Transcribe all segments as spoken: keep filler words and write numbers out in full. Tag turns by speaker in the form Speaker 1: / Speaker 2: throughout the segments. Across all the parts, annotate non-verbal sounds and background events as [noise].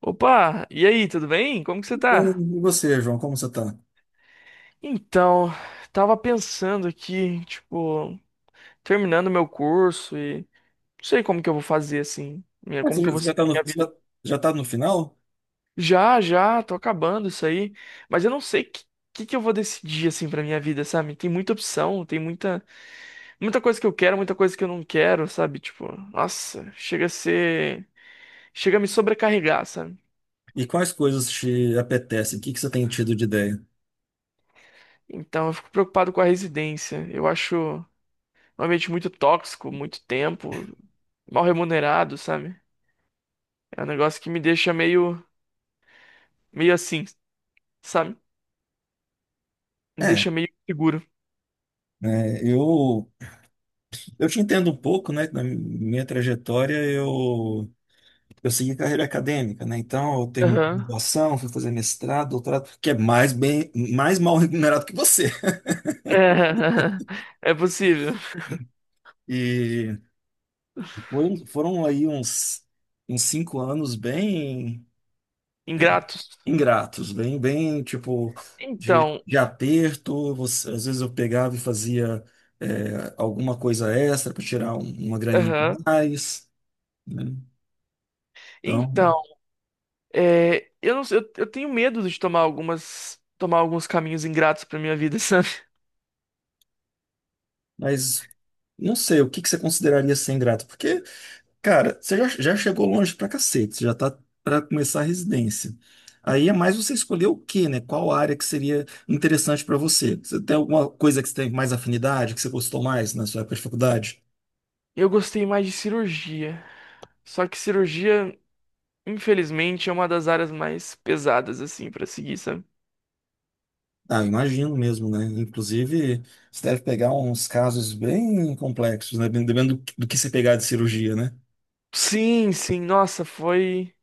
Speaker 1: Opa, e aí, tudo bem? Como que você tá?
Speaker 2: Bem. E você, João, como você tá?
Speaker 1: Então, tava pensando aqui, tipo, terminando meu curso e não sei como que eu vou fazer assim, minha-
Speaker 2: Ah,
Speaker 1: como
Speaker 2: Você
Speaker 1: que
Speaker 2: já
Speaker 1: eu vou
Speaker 2: você já tá
Speaker 1: seguir
Speaker 2: no,
Speaker 1: minha
Speaker 2: você
Speaker 1: vida.
Speaker 2: já, já tá no final?
Speaker 1: Já, já, tô acabando isso aí, mas eu não sei que que, que eu vou decidir assim pra minha vida, sabe? Tem muita opção, tem muita muita coisa que eu quero, muita coisa que eu não quero, sabe? Tipo, nossa, chega a ser, chega a me sobrecarregar, sabe?
Speaker 2: E quais coisas te apetecem? O que que você tem tido de ideia?
Speaker 1: Então, eu fico preocupado com a residência. Eu acho um ambiente muito tóxico, muito tempo, mal remunerado, sabe? É um negócio que me deixa meio, meio assim, sabe? Me
Speaker 2: É,
Speaker 1: deixa meio seguro.
Speaker 2: né, eu, eu te entendo um pouco, né? que Na minha trajetória, eu, eu segui carreira acadêmica, né? Então, eu terminei
Speaker 1: Aham.
Speaker 2: graduação, fui fazer mestrado, doutorado, que é mais bem, mais mal remunerado que você.
Speaker 1: [laughs] É possível.
Speaker 2: E foi- foram aí uns, uns cinco anos bem
Speaker 1: Ingratos.
Speaker 2: ingratos, bem, bem tipo de,
Speaker 1: Então,
Speaker 2: de aperto. Você- às vezes eu pegava e fazia é, alguma coisa extra para tirar um- uma graninha
Speaker 1: aham.
Speaker 2: a mais, né?
Speaker 1: Então,
Speaker 2: Então,
Speaker 1: é, eu não sei, eu, eu tenho medo de tomar algumas, tomar alguns caminhos ingratos pra minha vida, [laughs] sabe?
Speaker 2: mas não sei o que que você consideraria ser ingrato, porque, cara, você já, já chegou longe pra cacete, você já tá para começar a residência. Aí é mais você escolher o quê, né? Qual área que seria interessante para você? Você tem alguma coisa que você tem mais afinidade, que você gostou mais na sua época de faculdade?
Speaker 1: Eu gostei mais de cirurgia. Só que cirurgia, infelizmente, é uma das áreas mais pesadas assim pra seguir, sabe?
Speaker 2: Ah, imagino mesmo, né? Inclusive, você deve pegar uns casos bem complexos, né? Dependendo do que do que você pegar de cirurgia, né?
Speaker 1: Sim, sim, nossa, foi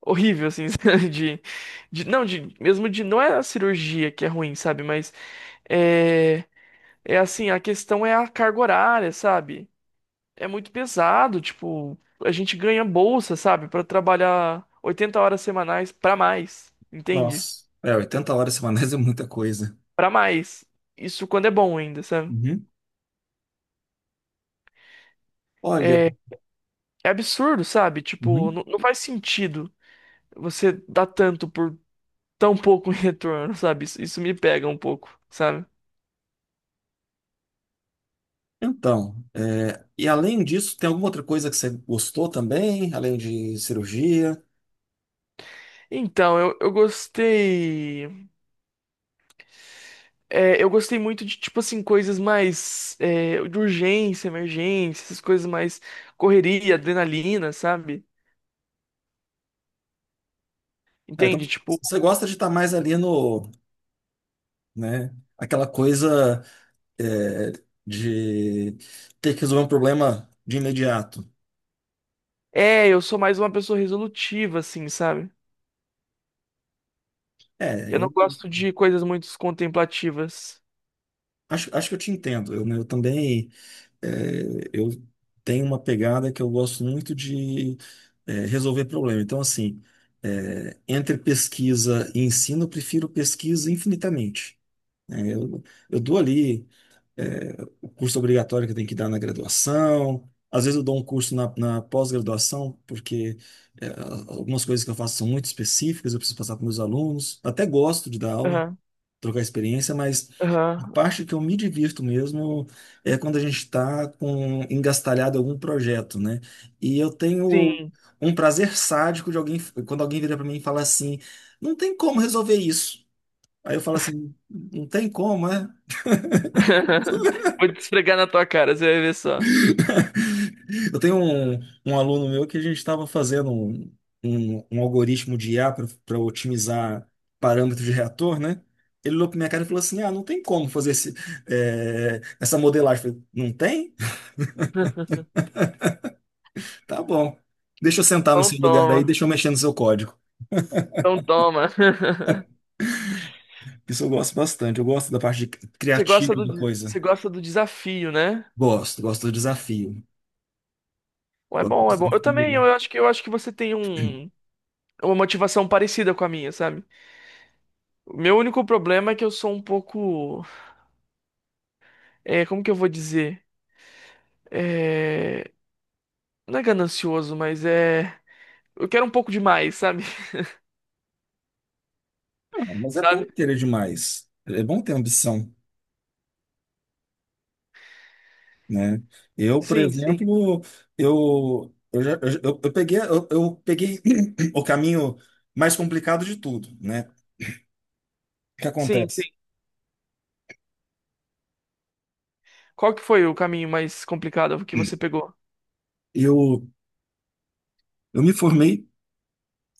Speaker 1: horrível, assim, [laughs] sabe? De, de, não, de, mesmo de, não é a cirurgia que é ruim, sabe, mas é, é assim, a questão é a carga horária, sabe, é muito pesado, tipo, a gente ganha bolsa, sabe, pra trabalhar oitenta horas semanais pra mais, entende?
Speaker 2: Nossa, é, oitenta horas semanais [laughs] é muita coisa.
Speaker 1: Pra mais, isso quando é bom ainda, sabe,
Speaker 2: Uhum. Olha,
Speaker 1: é, é absurdo, sabe, tipo,
Speaker 2: uhum.
Speaker 1: não, não faz sentido você dar tanto por tão pouco [laughs] em retorno, sabe, isso, isso me pega um pouco, sabe.
Speaker 2: Então, é, e além disso, tem alguma outra coisa que você gostou também, além de cirurgia?
Speaker 1: Então, eu, eu gostei. é, eu gostei muito de, tipo assim, coisas mais. É, de urgência, emergência, essas coisas mais correria, adrenalina, sabe?
Speaker 2: Ah, então,
Speaker 1: Entende? Tipo,
Speaker 2: você gosta de estar mais ali no, né? Aquela coisa, é, de ter que resolver um problema de imediato.
Speaker 1: é, eu sou mais uma pessoa resolutiva, assim, sabe?
Speaker 2: É,
Speaker 1: Eu não
Speaker 2: eu.
Speaker 1: gosto de coisas muito contemplativas.
Speaker 2: Acho, acho que eu te entendo. Eu, eu também é, eu tenho uma pegada que eu gosto muito de é, resolver problema. Então, assim, é, entre pesquisa e ensino, eu prefiro pesquisa infinitamente. Né? eu, eu dou ali é, o curso obrigatório que eu tenho que dar na graduação. Às vezes eu dou um curso na, na pós-graduação, porque é, algumas coisas que eu faço são muito específicas, eu preciso passar para meus alunos. Até gosto de dar aula,
Speaker 1: Aham,
Speaker 2: trocar experiência, mas a
Speaker 1: aham,
Speaker 2: parte que eu me divirto mesmo é quando a gente está com engastalhado em algum projeto, né? E eu tenho
Speaker 1: sim.
Speaker 2: um prazer sádico de alguém quando alguém vira para mim e fala assim: "Não tem como resolver isso". Aí eu falo assim: "Não tem como, é?"
Speaker 1: [laughs] Vou te esfregar na tua cara, você vai ver só.
Speaker 2: [laughs] Eu tenho um, um aluno meu que a gente estava fazendo um, um, um algoritmo de I A para otimizar parâmetros de reator, né? Ele olhou para minha cara e falou assim: ah, não tem como fazer esse, eh, essa modelagem. Eu falei, não tem? Tá bom. Deixa eu sentar no
Speaker 1: Então
Speaker 2: seu lugar aí,
Speaker 1: toma,
Speaker 2: deixa eu mexer no seu código.
Speaker 1: então toma. [laughs]
Speaker 2: Isso eu gosto bastante. Eu gosto da parte de
Speaker 1: Você gosta
Speaker 2: criativa da
Speaker 1: do,
Speaker 2: coisa.
Speaker 1: você gosta do desafio, né?
Speaker 2: Gosto, gosto do desafio.
Speaker 1: Pô, é
Speaker 2: Gosto do
Speaker 1: bom, é bom. Eu também,
Speaker 2: desafio.
Speaker 1: eu acho que eu acho que você tem um uma motivação parecida com a minha, sabe? O meu único problema é que eu sou um pouco, é, como que eu vou dizer? É, não é ganancioso, mas é, eu quero um pouco demais, sabe? [laughs]
Speaker 2: Ah, mas é
Speaker 1: Sabe?
Speaker 2: bom querer demais. É bom ter ambição. Né? Eu, por
Speaker 1: Sim, sim.
Speaker 2: exemplo, eu, eu, já- eu, eu eu peguei, eu, eu peguei [clears throat] o caminho mais complicado de tudo, né? O que
Speaker 1: Sim, sim.
Speaker 2: acontece?
Speaker 1: Qual que foi o caminho mais complicado que você pegou?
Speaker 2: Eu, eu me formei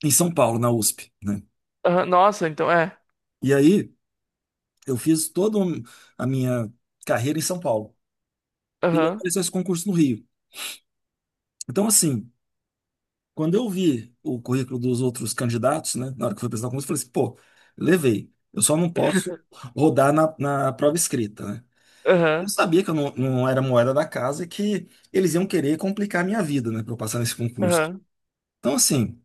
Speaker 2: em São Paulo, na U S P, né?
Speaker 1: Aham. Nossa, então é.
Speaker 2: E aí eu fiz toda um- a minha carreira em São Paulo. E aí
Speaker 1: Aham.
Speaker 2: apareceu esse concurso no Rio. Então, assim, quando eu vi o currículo dos outros candidatos, né? Na hora que eu fui apresentar o concurso, eu falei assim, pô, levei. Eu só não posso rodar na, na prova escrita, né? Eu
Speaker 1: Aham.
Speaker 2: sabia que eu não, não era moeda da casa e que eles iam querer complicar a minha vida, né, para eu passar nesse concurso.
Speaker 1: Aham.
Speaker 2: Então, assim,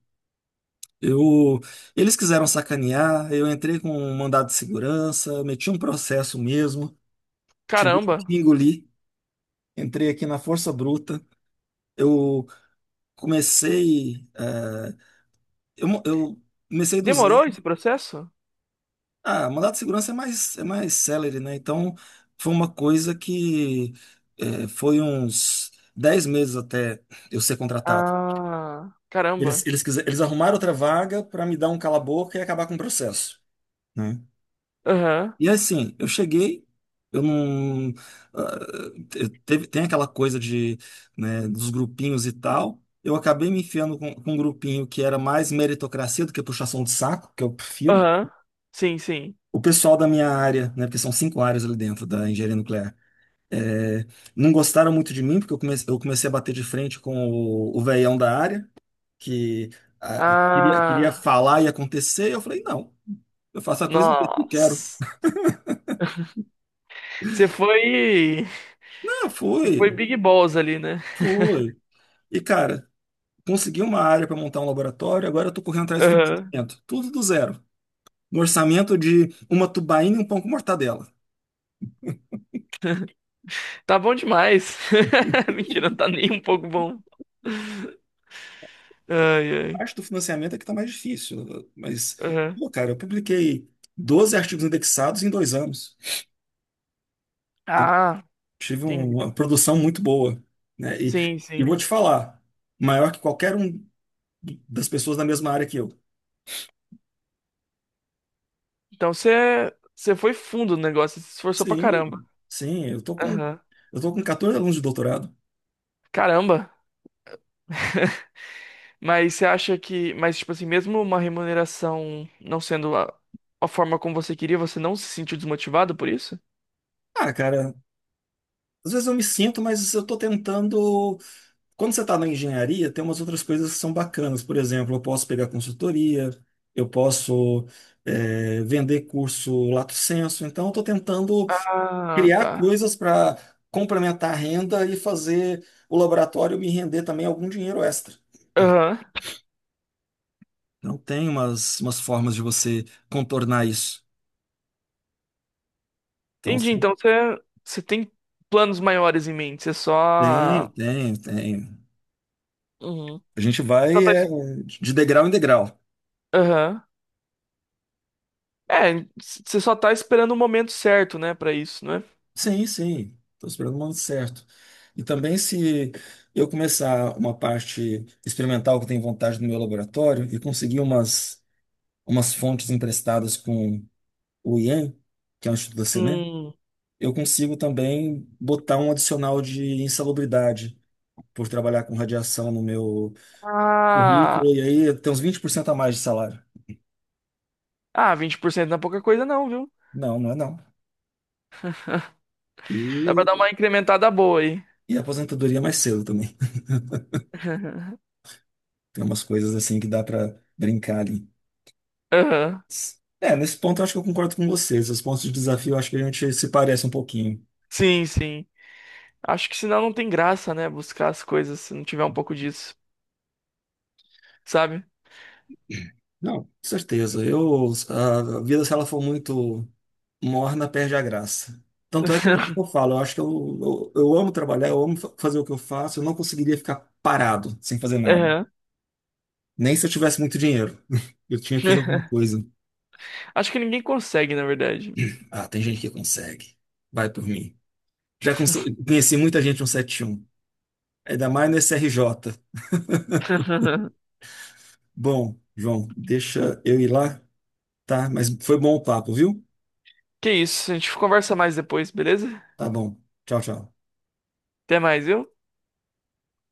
Speaker 2: eu, eles quiseram sacanear, eu entrei com um mandado de segurança, eu meti um processo mesmo, tive
Speaker 1: Caramba.
Speaker 2: que engolir, entrei aqui na força bruta. Eu comecei, eh, eu, mo- eu comecei do
Speaker 1: Demorou
Speaker 2: zero.
Speaker 1: esse processo?
Speaker 2: Ah, mandado de segurança é mais, é mais celery, né? Então, foi uma coisa que eh, foi uns dez meses até eu ser contratado.
Speaker 1: Ah,
Speaker 2: Eles,
Speaker 1: caramba.
Speaker 2: eles, quise- eles arrumaram outra vaga para me dar um cala-boca e acabar com o processo, né?
Speaker 1: Aham.
Speaker 2: E assim, eu cheguei, eu não. Ah, te- teve, tem aquela coisa de, né, dos grupinhos e tal. Eu acabei me enfiando com, com um grupinho que era mais meritocracia do que puxação de saco, que eu prefiro.
Speaker 1: Aham. Sim, sim.
Speaker 2: O pessoal da minha área, né, porque são cinco áreas ali dentro da engenharia nuclear, é, não gostaram muito de mim, porque eu comecei, eu comecei a bater de frente com o, o velhão da área. Que ah, queria, queria
Speaker 1: Ah,
Speaker 2: falar e acontecer. E eu falei, não, eu faço a coisa do jeito que eu quero.
Speaker 1: nossa. Você foi,
Speaker 2: Ah,
Speaker 1: você foi
Speaker 2: foi,
Speaker 1: big boss ali, né?
Speaker 2: foi. E, cara, consegui uma área para montar um laboratório, agora eu tô correndo atrás do
Speaker 1: Aham.
Speaker 2: financiamento. Tudo do zero. No orçamento de uma tubaína e um pão com mortadela.
Speaker 1: Tá bom demais. [laughs] Mentira, não tá nem um pouco bom. Ai,
Speaker 2: A
Speaker 1: ai.
Speaker 2: parte do financiamento é que tá mais difícil. Mas,
Speaker 1: Aham.
Speaker 2: pô, cara, eu publiquei doze artigos indexados em dois anos.
Speaker 1: Ah,
Speaker 2: Tive
Speaker 1: entendi.
Speaker 2: um, uma produção muito boa, né? E,
Speaker 1: Sim,
Speaker 2: e vou
Speaker 1: sim.
Speaker 2: te falar, maior que qualquer um das pessoas da mesma área que eu.
Speaker 1: Então você, você foi fundo no negócio, você se esforçou pra caramba.
Speaker 2: Sim, sim, eu tô com
Speaker 1: Aham.
Speaker 2: eu tô com quatorze alunos de doutorado.
Speaker 1: Caramba. Mas você acha que, mas tipo assim, mesmo uma remuneração não sendo a, a forma como você queria, você não se sentiu desmotivado por isso?
Speaker 2: Ah, cara, às vezes eu me sinto, mas eu tô tentando. Quando você tá na engenharia, tem umas outras coisas que são bacanas. Por exemplo, eu posso pegar consultoria, eu posso é, vender curso lato sensu. Então, eu tô tentando
Speaker 1: Ah,
Speaker 2: criar
Speaker 1: tá.
Speaker 2: coisas para complementar a renda e fazer o laboratório me render também algum dinheiro extra.
Speaker 1: Aham.
Speaker 2: Então, tem umas, umas formas de você contornar isso. Então,
Speaker 1: Entendi.
Speaker 2: sim,
Speaker 1: Então você, você tem planos maiores em mente. Você
Speaker 2: tem,
Speaker 1: só.
Speaker 2: tem, tem.
Speaker 1: Uhum.
Speaker 2: A gente
Speaker 1: Só
Speaker 2: vai
Speaker 1: tá
Speaker 2: é,
Speaker 1: es-.
Speaker 2: de degrau em degrau.
Speaker 1: Aham. É, c- você só tá esperando o momento certo, né, pra isso, né?
Speaker 2: Sim, sim. Estou esperando o momento certo. E também, se eu começar uma parte experimental que eu tenho vontade no meu laboratório e conseguir umas, umas fontes emprestadas com o I E M, que é o Instituto da Senem,
Speaker 1: Hum.
Speaker 2: eu consigo também botar um adicional de insalubridade por trabalhar com radiação no meu
Speaker 1: Ah,
Speaker 2: currículo. E aí tem uns vinte por cento a mais de salário.
Speaker 1: ah, vinte por cento não é pouca coisa não, viu?
Speaker 2: Não, não é não.
Speaker 1: Dá pra dar
Speaker 2: E,
Speaker 1: uma incrementada boa aí.
Speaker 2: e a aposentadoria é mais cedo também.
Speaker 1: [laughs]
Speaker 2: Tem umas coisas assim que dá pra brincar ali.
Speaker 1: Aham.
Speaker 2: É, nesse ponto eu acho que eu concordo com vocês. Os pontos de desafio eu acho que a gente se parece um pouquinho.
Speaker 1: Sim, sim. Acho que senão não tem graça, né, buscar as coisas se não tiver um pouco disso, sabe?
Speaker 2: Não, com certeza. Eu, a vida, se ela for muito morna, perde a graça. Tanto é que eu, eu
Speaker 1: [laughs]
Speaker 2: falo, eu acho que eu, eu, eu amo trabalhar, eu amo fa- fazer o que eu faço, eu não conseguiria ficar parado sem fazer nada.
Speaker 1: Aham.
Speaker 2: Nem se eu tivesse muito dinheiro. [laughs] Eu tinha que fazer alguma
Speaker 1: [laughs]
Speaker 2: coisa.
Speaker 1: Acho que ninguém consegue, na verdade.
Speaker 2: Ah, tem gente que consegue. Vai por mim. Já conse- conheci muita gente no setenta e um. Ainda mais no S R J.
Speaker 1: [laughs]
Speaker 2: Bom, João, deixa eu ir lá, tá? Mas foi bom o papo, viu?
Speaker 1: Que isso, a gente conversa mais depois, beleza?
Speaker 2: Tá bom. Tchau, tchau.
Speaker 1: Até mais, viu?